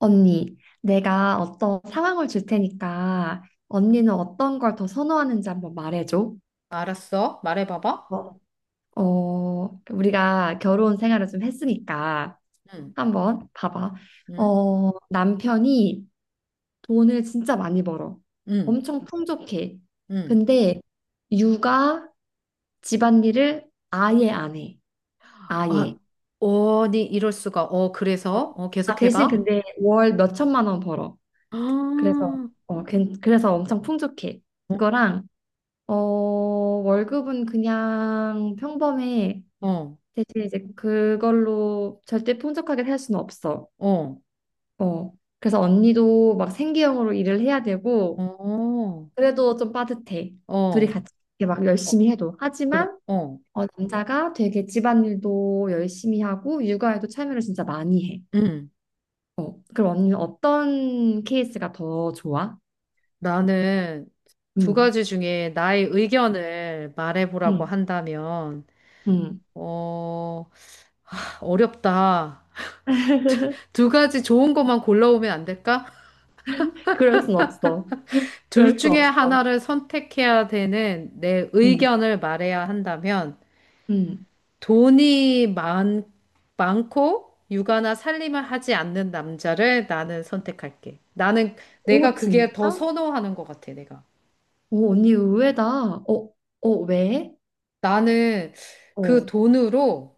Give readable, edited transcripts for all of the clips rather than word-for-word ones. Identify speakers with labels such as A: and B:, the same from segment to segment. A: 언니, 내가 어떤 상황을 줄 테니까 언니는 어떤 걸 더 선호하는지 한번 말해줘.
B: 알았어. 말해봐봐.
A: 어, 우리가 결혼 생활을 좀 했으니까
B: 응,
A: 한번 봐봐.
B: 응,
A: 남편이 돈을 진짜 많이 벌어.
B: 응,
A: 엄청 풍족해.
B: 응.
A: 근데 육아, 집안일을 아예 안 해.
B: 아,
A: 아예.
B: 어니 이럴 수가.
A: 어,
B: 그래서?
A: 대신
B: 계속해봐.
A: 근데 월 몇천만 원 벌어.
B: 아,
A: 그래서, 그래서 엄청 풍족해.
B: 어,
A: 그거랑 월급은 그냥 평범해.
B: 어,
A: 대신 이제 그걸로 절대 풍족하게 살 수는 없어.
B: 어,
A: 어. 그래서 언니도 막 생계형으로 일을 해야 되고,
B: 어,
A: 그래도 좀 빠듯해. 둘이
B: 어,
A: 같이 이렇게 막 열심히 해도.
B: 그래,
A: 하지만,
B: 어.
A: 남자가 되게 집안일도 열심히 하고, 육아에도 참여를 진짜 많이 해.
B: 응.
A: 어. 그럼 언니는 어떤 케이스가 더 좋아?
B: 나는 두
A: 응,
B: 가지 중에 나의 의견을 말해보라고
A: 응,
B: 한다면,
A: 응.
B: 어, 어렵다. 두 가지 좋은 것만 골라오면 안 될까?
A: 그럴 순 없어.
B: 둘
A: 그럴 수
B: 중에
A: 없어.
B: 하나를 선택해야 되는 내
A: 응,
B: 의견을 말해야 한다면
A: 응.
B: 돈이 많, 많고 육아나 살림을 하지 않는 남자를 나는 선택할게. 나는
A: 오,
B: 내가 그게 더
A: 진짜?
B: 선호하는 것 같아, 내가.
A: 오, 언니 의외다. 어, 왜?
B: 나는 그
A: 어,
B: 돈으로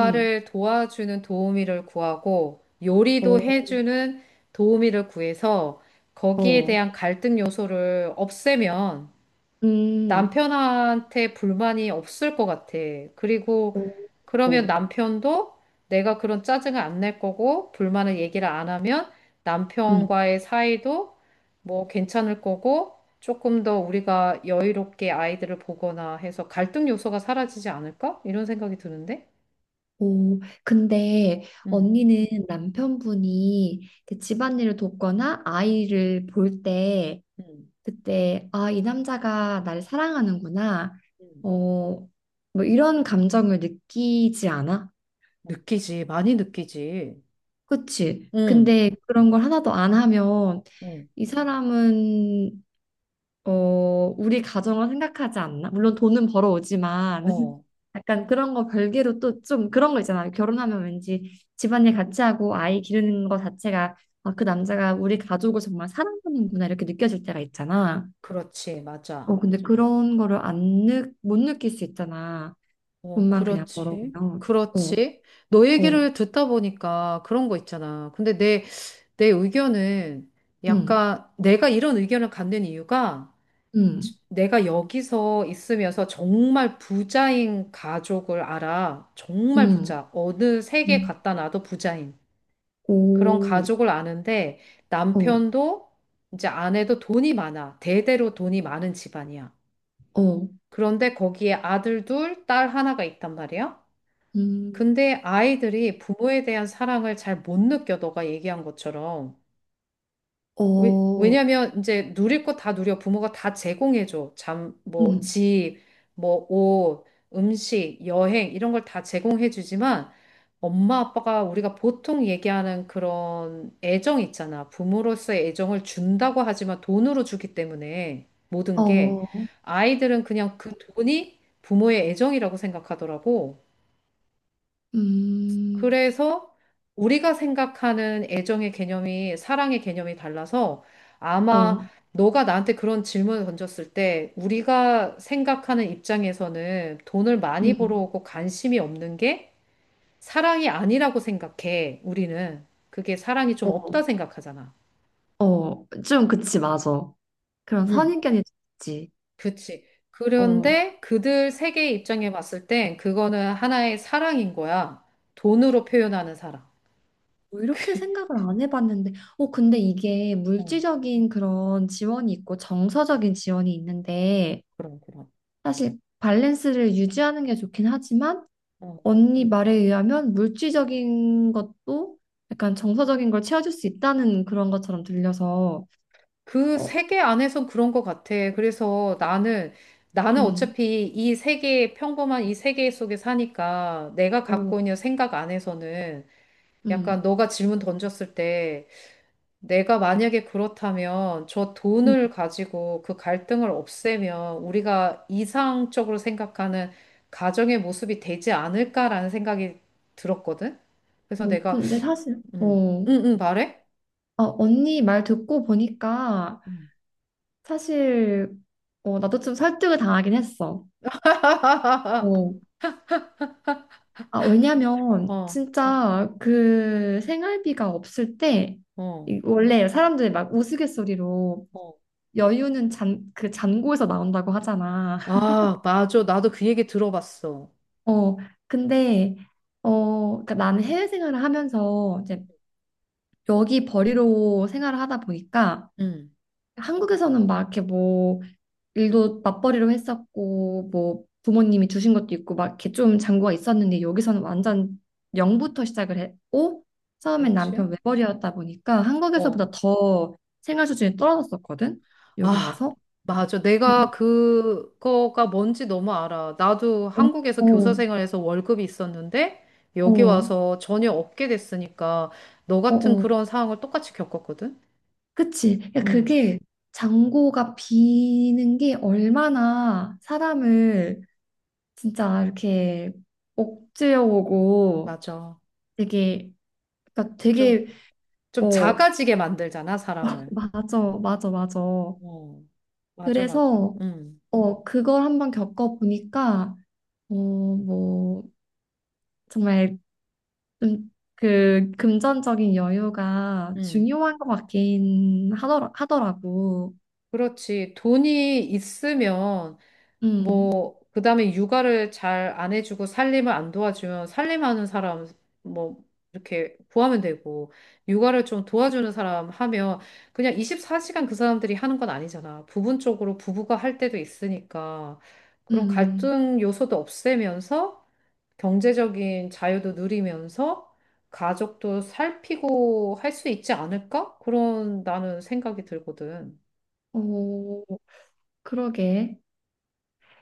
A: 응,
B: 도와주는 도우미를 구하고 요리도
A: 어,
B: 해주는 도우미를 구해서 거기에
A: 어,
B: 대한 갈등 요소를 없애면
A: 음,
B: 남편한테 불만이 없을 것 같아. 그리고
A: 어,
B: 그러면
A: 어,
B: 남편도 내가 그런 짜증을 안 낼 거고 불만을 얘기를 안 하면
A: 음,
B: 남편과의 사이도 뭐 괜찮을 거고 조금 더 우리가 여유롭게 아이들을 보거나 해서 갈등 요소가 사라지지 않을까? 이런 생각이 드는데.
A: 오. 근데
B: 음.
A: 언니는 남편분이 이렇게 집안일을 돕거나 아이를 볼 때,
B: 음.
A: 그때, 아, 이 남자가 나를 사랑하는구나.
B: 음.
A: 어, 뭐 이런 감정을 느끼지 않아?
B: 느끼지, 많이 느끼지.
A: 그치?
B: 응,
A: 근데 그런 걸 하나도 안 하면
B: 응,
A: 이 사람은 우리 가정을 생각하지 않나? 물론 돈은 벌어오지만
B: 어,
A: 약간 그런 거 별개로 또 좀 그런 거 있잖아요. 결혼하면 왠지 집안일 같이 하고 아이 기르는 거 자체가 아, 그 남자가 우리 가족을 정말 사랑하는구나 이렇게 느껴질 때가 있잖아.
B: 그렇지, 맞아.
A: 근데 그런 거를 안 느, 못 느낄 수 있잖아.
B: 어,
A: 돈만 그냥
B: 그렇지.
A: 벌어오면. 어,
B: 그렇지. 너
A: 어,
B: 얘기를 듣다 보니까 그런 거 있잖아. 내 의견은
A: 음,
B: 약간 내가 이런 의견을 갖는 이유가
A: 음,
B: 내가 여기서 있으면서 정말 부자인 가족을 알아. 정말
A: 음,
B: 부자. 어느 세계
A: 음,
B: 갖다 놔도 부자인 그런
A: 오,
B: 가족을 아는데
A: 어,
B: 남편도 이제 아내도 돈이 많아. 대대로 돈이 많은 집안이야.
A: 어,
B: 그런데 거기에 아들 둘, 딸 하나가 있단 말이야.
A: 음,
B: 근데 아이들이 부모에 대한 사랑을 잘 못 느껴, 너가 얘기한 것처럼.
A: 어,
B: 왜냐면 이제 누릴 거 다 누려. 부모가 다 제공해줘. 잠, 뭐,
A: 음,
B: 집, 뭐, 옷, 음식, 여행, 이런 걸 다 제공해주지만, 엄마, 아빠가 우리가 보통 얘기하는 그런 애정 있잖아. 부모로서의 애정을 준다고 하지만 돈으로 주기 때문에 모든 게
A: 어.
B: 아이들은 그냥 그 돈이 부모의 애정이라고 생각하더라고.
A: 음,
B: 그래서 우리가 생각하는 애정의 개념이 사랑의 개념이 달라서 아마
A: 어,
B: 너가 나한테 그런 질문을 던졌을 때 우리가 생각하는 입장에서는 돈을 많이
A: 음,
B: 벌어오고 관심이 없는 게 사랑이 아니라고 생각해, 우리는. 그게 사랑이 좀
A: 어,
B: 없다 생각하잖아.
A: 좀 그치, 맞아. 그런
B: 응.
A: 선입견이 있지.
B: 그치.
A: 뭐
B: 그런데 그들 세계의 입장에 봤을 땐 그거는 하나의 사랑인 거야. 돈으로 표현하는 사랑.
A: 이렇게 생각을 안 해봤는데, 근데 이게
B: 어,
A: 물질적인 그런 지원이 있고 정서적인 지원이 있는데,
B: 그런.
A: 사실 밸런스를 유지하는 게 좋긴 하지만, 언니 말에 의하면 물질적인 것도 약간 정서적인 걸 채워줄 수 있다는 그런 것처럼 들려서,
B: 그
A: 어,
B: 세계 안에선 그런 것 같아. 나는
A: 음,
B: 어차피 이 세계, 평범한 이 세계 속에 사니까 내가 갖고
A: 어,
B: 있는 생각 안에서는 약간
A: 음,
B: 너가 질문 던졌을 때 내가 만약에 그렇다면 저
A: 음,
B: 돈을 가지고 그 갈등을 없애면 우리가 이상적으로 생각하는 가정의 모습이 되지 않을까라는 생각이 들었거든? 그래서 내가,
A: 근데 사실,
B: 응, 응, 말해?
A: 언니 말 듣고 보니까
B: 음.
A: 사실 나도 좀 설득을 당하긴 했어. 어. 아, 왜냐면
B: 어,
A: 진짜 그 생활비가 없을 때
B: 어.
A: 원래 사람들이 막 우스갯소리로
B: 어.
A: 여유는 그 잔고에서 나온다고 하잖아.
B: 아, 맞아. 나도 그 얘기 들어봤어.
A: 어, 근데 그러니까 나는 해외 생활을 하면서 이제 여기 벌이로 생활을 하다 보니까
B: 응,
A: 한국에서는 막 이렇게 뭐 일도 맞벌이로 했었고 뭐 부모님이 주신 것도 있고 막 이렇게 좀 잔고가 있었는데 여기서는 완전 영부터 시작을 했고 처음엔
B: 그렇지?
A: 남편 외벌이였다 보니까
B: 어.
A: 한국에서보다 더 생활 수준이 떨어졌었거든. 여기
B: 아,
A: 와서
B: 맞아.
A: 근데.
B: 내가 그거가 뭔지 너무 알아. 나도
A: 어,
B: 한국에서 교사
A: 어,
B: 생활에서 월급이 있었는데 여기
A: 어,
B: 와서 전혀 없게 됐으니까 너
A: 어,
B: 같은
A: 어.
B: 그런 상황을 똑같이 겪었거든.
A: 그치, 그러니까
B: 음,
A: 그게 잔고가 비는 게 얼마나 사람을 진짜 이렇게 억제어오고
B: 맞아.
A: 되게, 그러니까
B: 좀,
A: 되게
B: 좀
A: 어
B: 작아지게 만들잖아, 사람을.
A: 맞아, 맞아, 맞아.
B: 어. 맞아, 맞아.
A: 그래서,
B: 음.
A: 그걸 한번 겪어보니까, 뭐, 정말 좀 그 금전적인 여유가
B: 응,
A: 중요한 것 같긴 하더라고.
B: 그렇지. 돈이 있으면
A: 음,
B: 뭐, 그 다음에 육아를 잘 안 해주고 살림을 안 도와주면 살림하는 사람, 뭐, 이렇게 구하면 되고, 육아를 좀 도와주는 사람 하면 그냥 24시간 그 사람들이 하는 건 아니잖아. 부분적으로 부부가 할 때도 있으니까 그런
A: 음,
B: 갈등 요소도 없애면서 경제적인 자유도 누리면서 가족도 살피고 할 수 있지 않을까? 그런 나는 생각이 들거든.
A: 어, 그러게.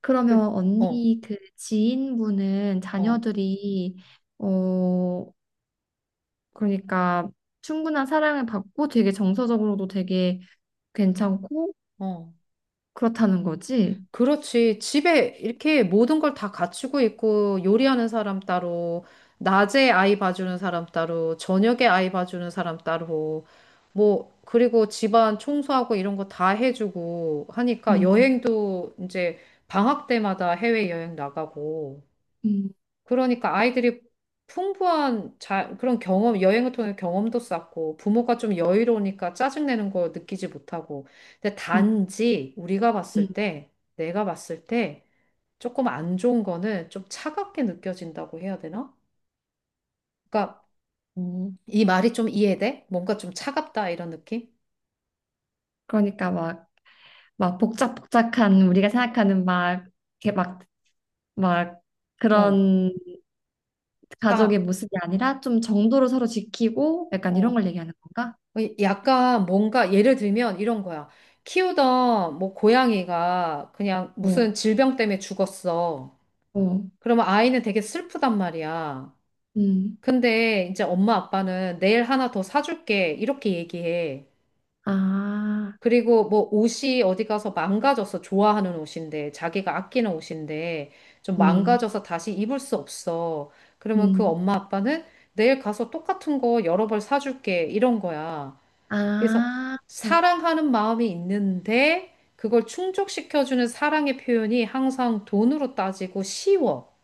A: 그러면
B: 그- 어,
A: 언니 그 지인분은
B: 어,
A: 자녀들이, 어, 그러니까 충분한 사랑을 받고 되게 정서적으로도 되게 괜찮고
B: 어.
A: 그렇다는 거지?
B: 그렇지. 집에 이렇게 모든 걸 다 갖추고 있고, 요리하는 사람 따로, 낮에 아이 봐주는 사람 따로, 저녁에 아이 봐주는 사람 따로, 뭐, 그리고 집안 청소하고 이런 거 다 해주고 하니까
A: 음.
B: 여행도 이제 방학 때마다 해외여행 나가고,
A: 음,
B: 그러니까 아이들이 그런 경험, 여행을 통해 경험도 쌓고 부모가 좀 여유로우니까 짜증내는 거 느끼지 못하고. 근데
A: 음,
B: 단지 우리가
A: 음.
B: 봤을 때, 내가 봤을 때 조금 안 좋은 거는 좀 차갑게 느껴진다고 해야 되나? 그러니까
A: 음,
B: 이 말이 좀 이해돼? 뭔가 좀 차갑다 이런 느낌?
A: 그러니까 막, 막 복작복작한 우리가 생각하는 막, 이렇게 막, 막
B: 어,
A: 그런 가족의
B: 차,
A: 모습이 아니라 좀 정도를 서로 지키고 약간 이런
B: 어.
A: 걸 얘기하는 건가?
B: 약간 뭔가 예를 들면 이런 거야. 키우던 뭐 고양이가 그냥
A: 어,
B: 무슨 질병 때문에 죽었어.
A: 어,
B: 그러면 아이는 되게 슬프단 말이야.
A: 음,
B: 근데 이제 엄마 아빠는 내일 하나 더 사줄게. 이렇게 얘기해.
A: 아,
B: 그리고 뭐 옷이 어디 가서 망가져서 좋아하는 옷인데, 자기가 아끼는 옷인데, 좀
A: 음,
B: 망가져서 다시 입을 수 없어. 그러면 그
A: 음,
B: 엄마 아빠는 내일 가서 똑같은 거 여러 벌 사줄게. 이런 거야. 그래서
A: 아,
B: 사랑하는 마음이 있는데, 그걸 충족시켜주는 사랑의 표현이 항상 돈으로 따지고 쉬워.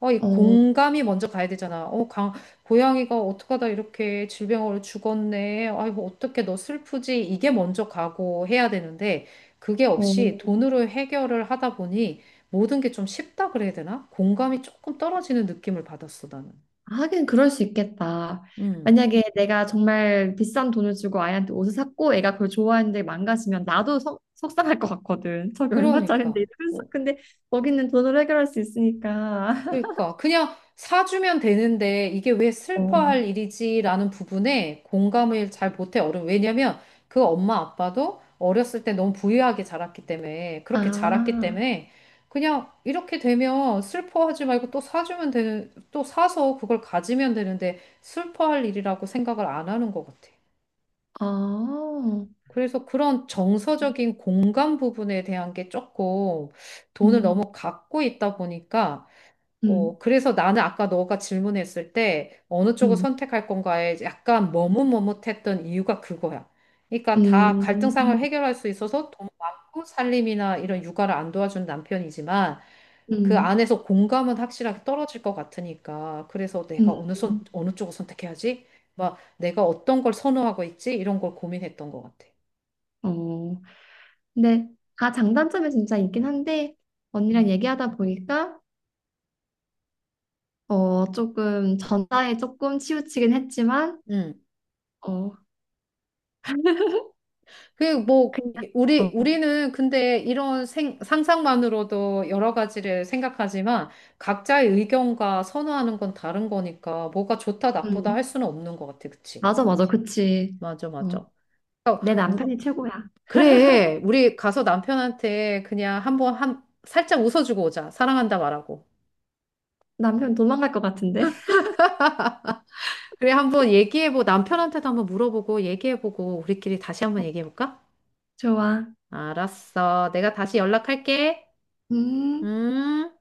B: 어, 이
A: 어,
B: 공감이 먼저 가야 되잖아. 고양이가 어떡하다 이렇게 질병으로 죽었네. 아이고, 어떻게 너 슬프지? 이게 먼저 가고 해야 되는데, 그게
A: 어,
B: 없이 돈으로 해결을 하다 보니 모든 게 좀 쉽다 그래야 되나? 공감이 조금 떨어지는 느낌을 받았어, 나는.
A: 하긴 그럴 수 있겠다.
B: 음,
A: 만약에 내가 정말 비싼 돈을 주고 아이한테 옷을 샀고 애가 그걸 좋아하는데 망가지면 나도 속상할 것 같거든. 저게 얼마짜린데
B: 그러니까.
A: 이러면서.
B: 어,
A: 근데 거기는 돈으로 해결할 수 있으니까.
B: 그러니까 그냥 사주면 되는데 이게 왜
A: 어.
B: 슬퍼할 일이지라는 부분에 공감을 잘 못해 어른 왜냐면 그 엄마 아빠도 어렸을 때 너무 부유하게 자랐기 때문에 그렇게 자랐기
A: 아,
B: 때문에 그냥 이렇게 되면 슬퍼하지 말고 또 사주면 되는 또 사서 그걸 가지면 되는데 슬퍼할 일이라고 생각을 안 하는 것 같아.
A: 어,
B: 그래서 그런 정서적인 공감 부분에 대한 게 조금 돈을
A: 음,
B: 너무 갖고 있다 보니까
A: 음,
B: 어, 그래서 나는 아까 너가 질문했을 때 어느 쪽을
A: 음,
B: 선택할 건가에 약간 머뭇머뭇했던 이유가 그거야. 그러니까 다 갈등상을
A: 음,
B: 해결할 수 있어서 돈 많고 살림이나 이런 육아를 안 도와준 남편이지만 그
A: 음,
B: 안에서 공감은 확실하게 떨어질 것 같으니까 그래서 내가
A: 음, 음.
B: 어느 쪽을 선택해야지? 막 내가 어떤 걸 선호하고 있지? 이런 걸 고민했던 것 같아.
A: 어. 근데 다 장단점이 진짜 있긴 한데 언니랑
B: 음.
A: 얘기하다 보니까 조금 전자에 조금 치우치긴 했지만
B: 음.
A: 어, 그냥, 어,
B: 우리는 근데 이런 상상만으로도 여러 가지를 생각하지만 각자의 의견과 선호하는 건 다른 거니까 뭐가 좋다, 나쁘다
A: 음,
B: 할 수는 없는 것 같아. 그치?
A: 맞아, 맞아, 그치.
B: 맞아,
A: 어,
B: 맞아.
A: 내
B: 그러니까 우-
A: 남편이 최고야.
B: 그래. 우리 가서 남편한테 그냥 살짝 웃어주고 오자. 사랑한다 말하고.
A: 남편 도망갈 것 같은데?
B: 그래, 한번 얘기해보고, 남편한테도 한번 물어보고, 얘기해보고, 우리끼리 다시 한번 얘기해볼까?
A: 좋아.
B: 알았어. 내가 다시 연락할게.
A: 음.
B: 음.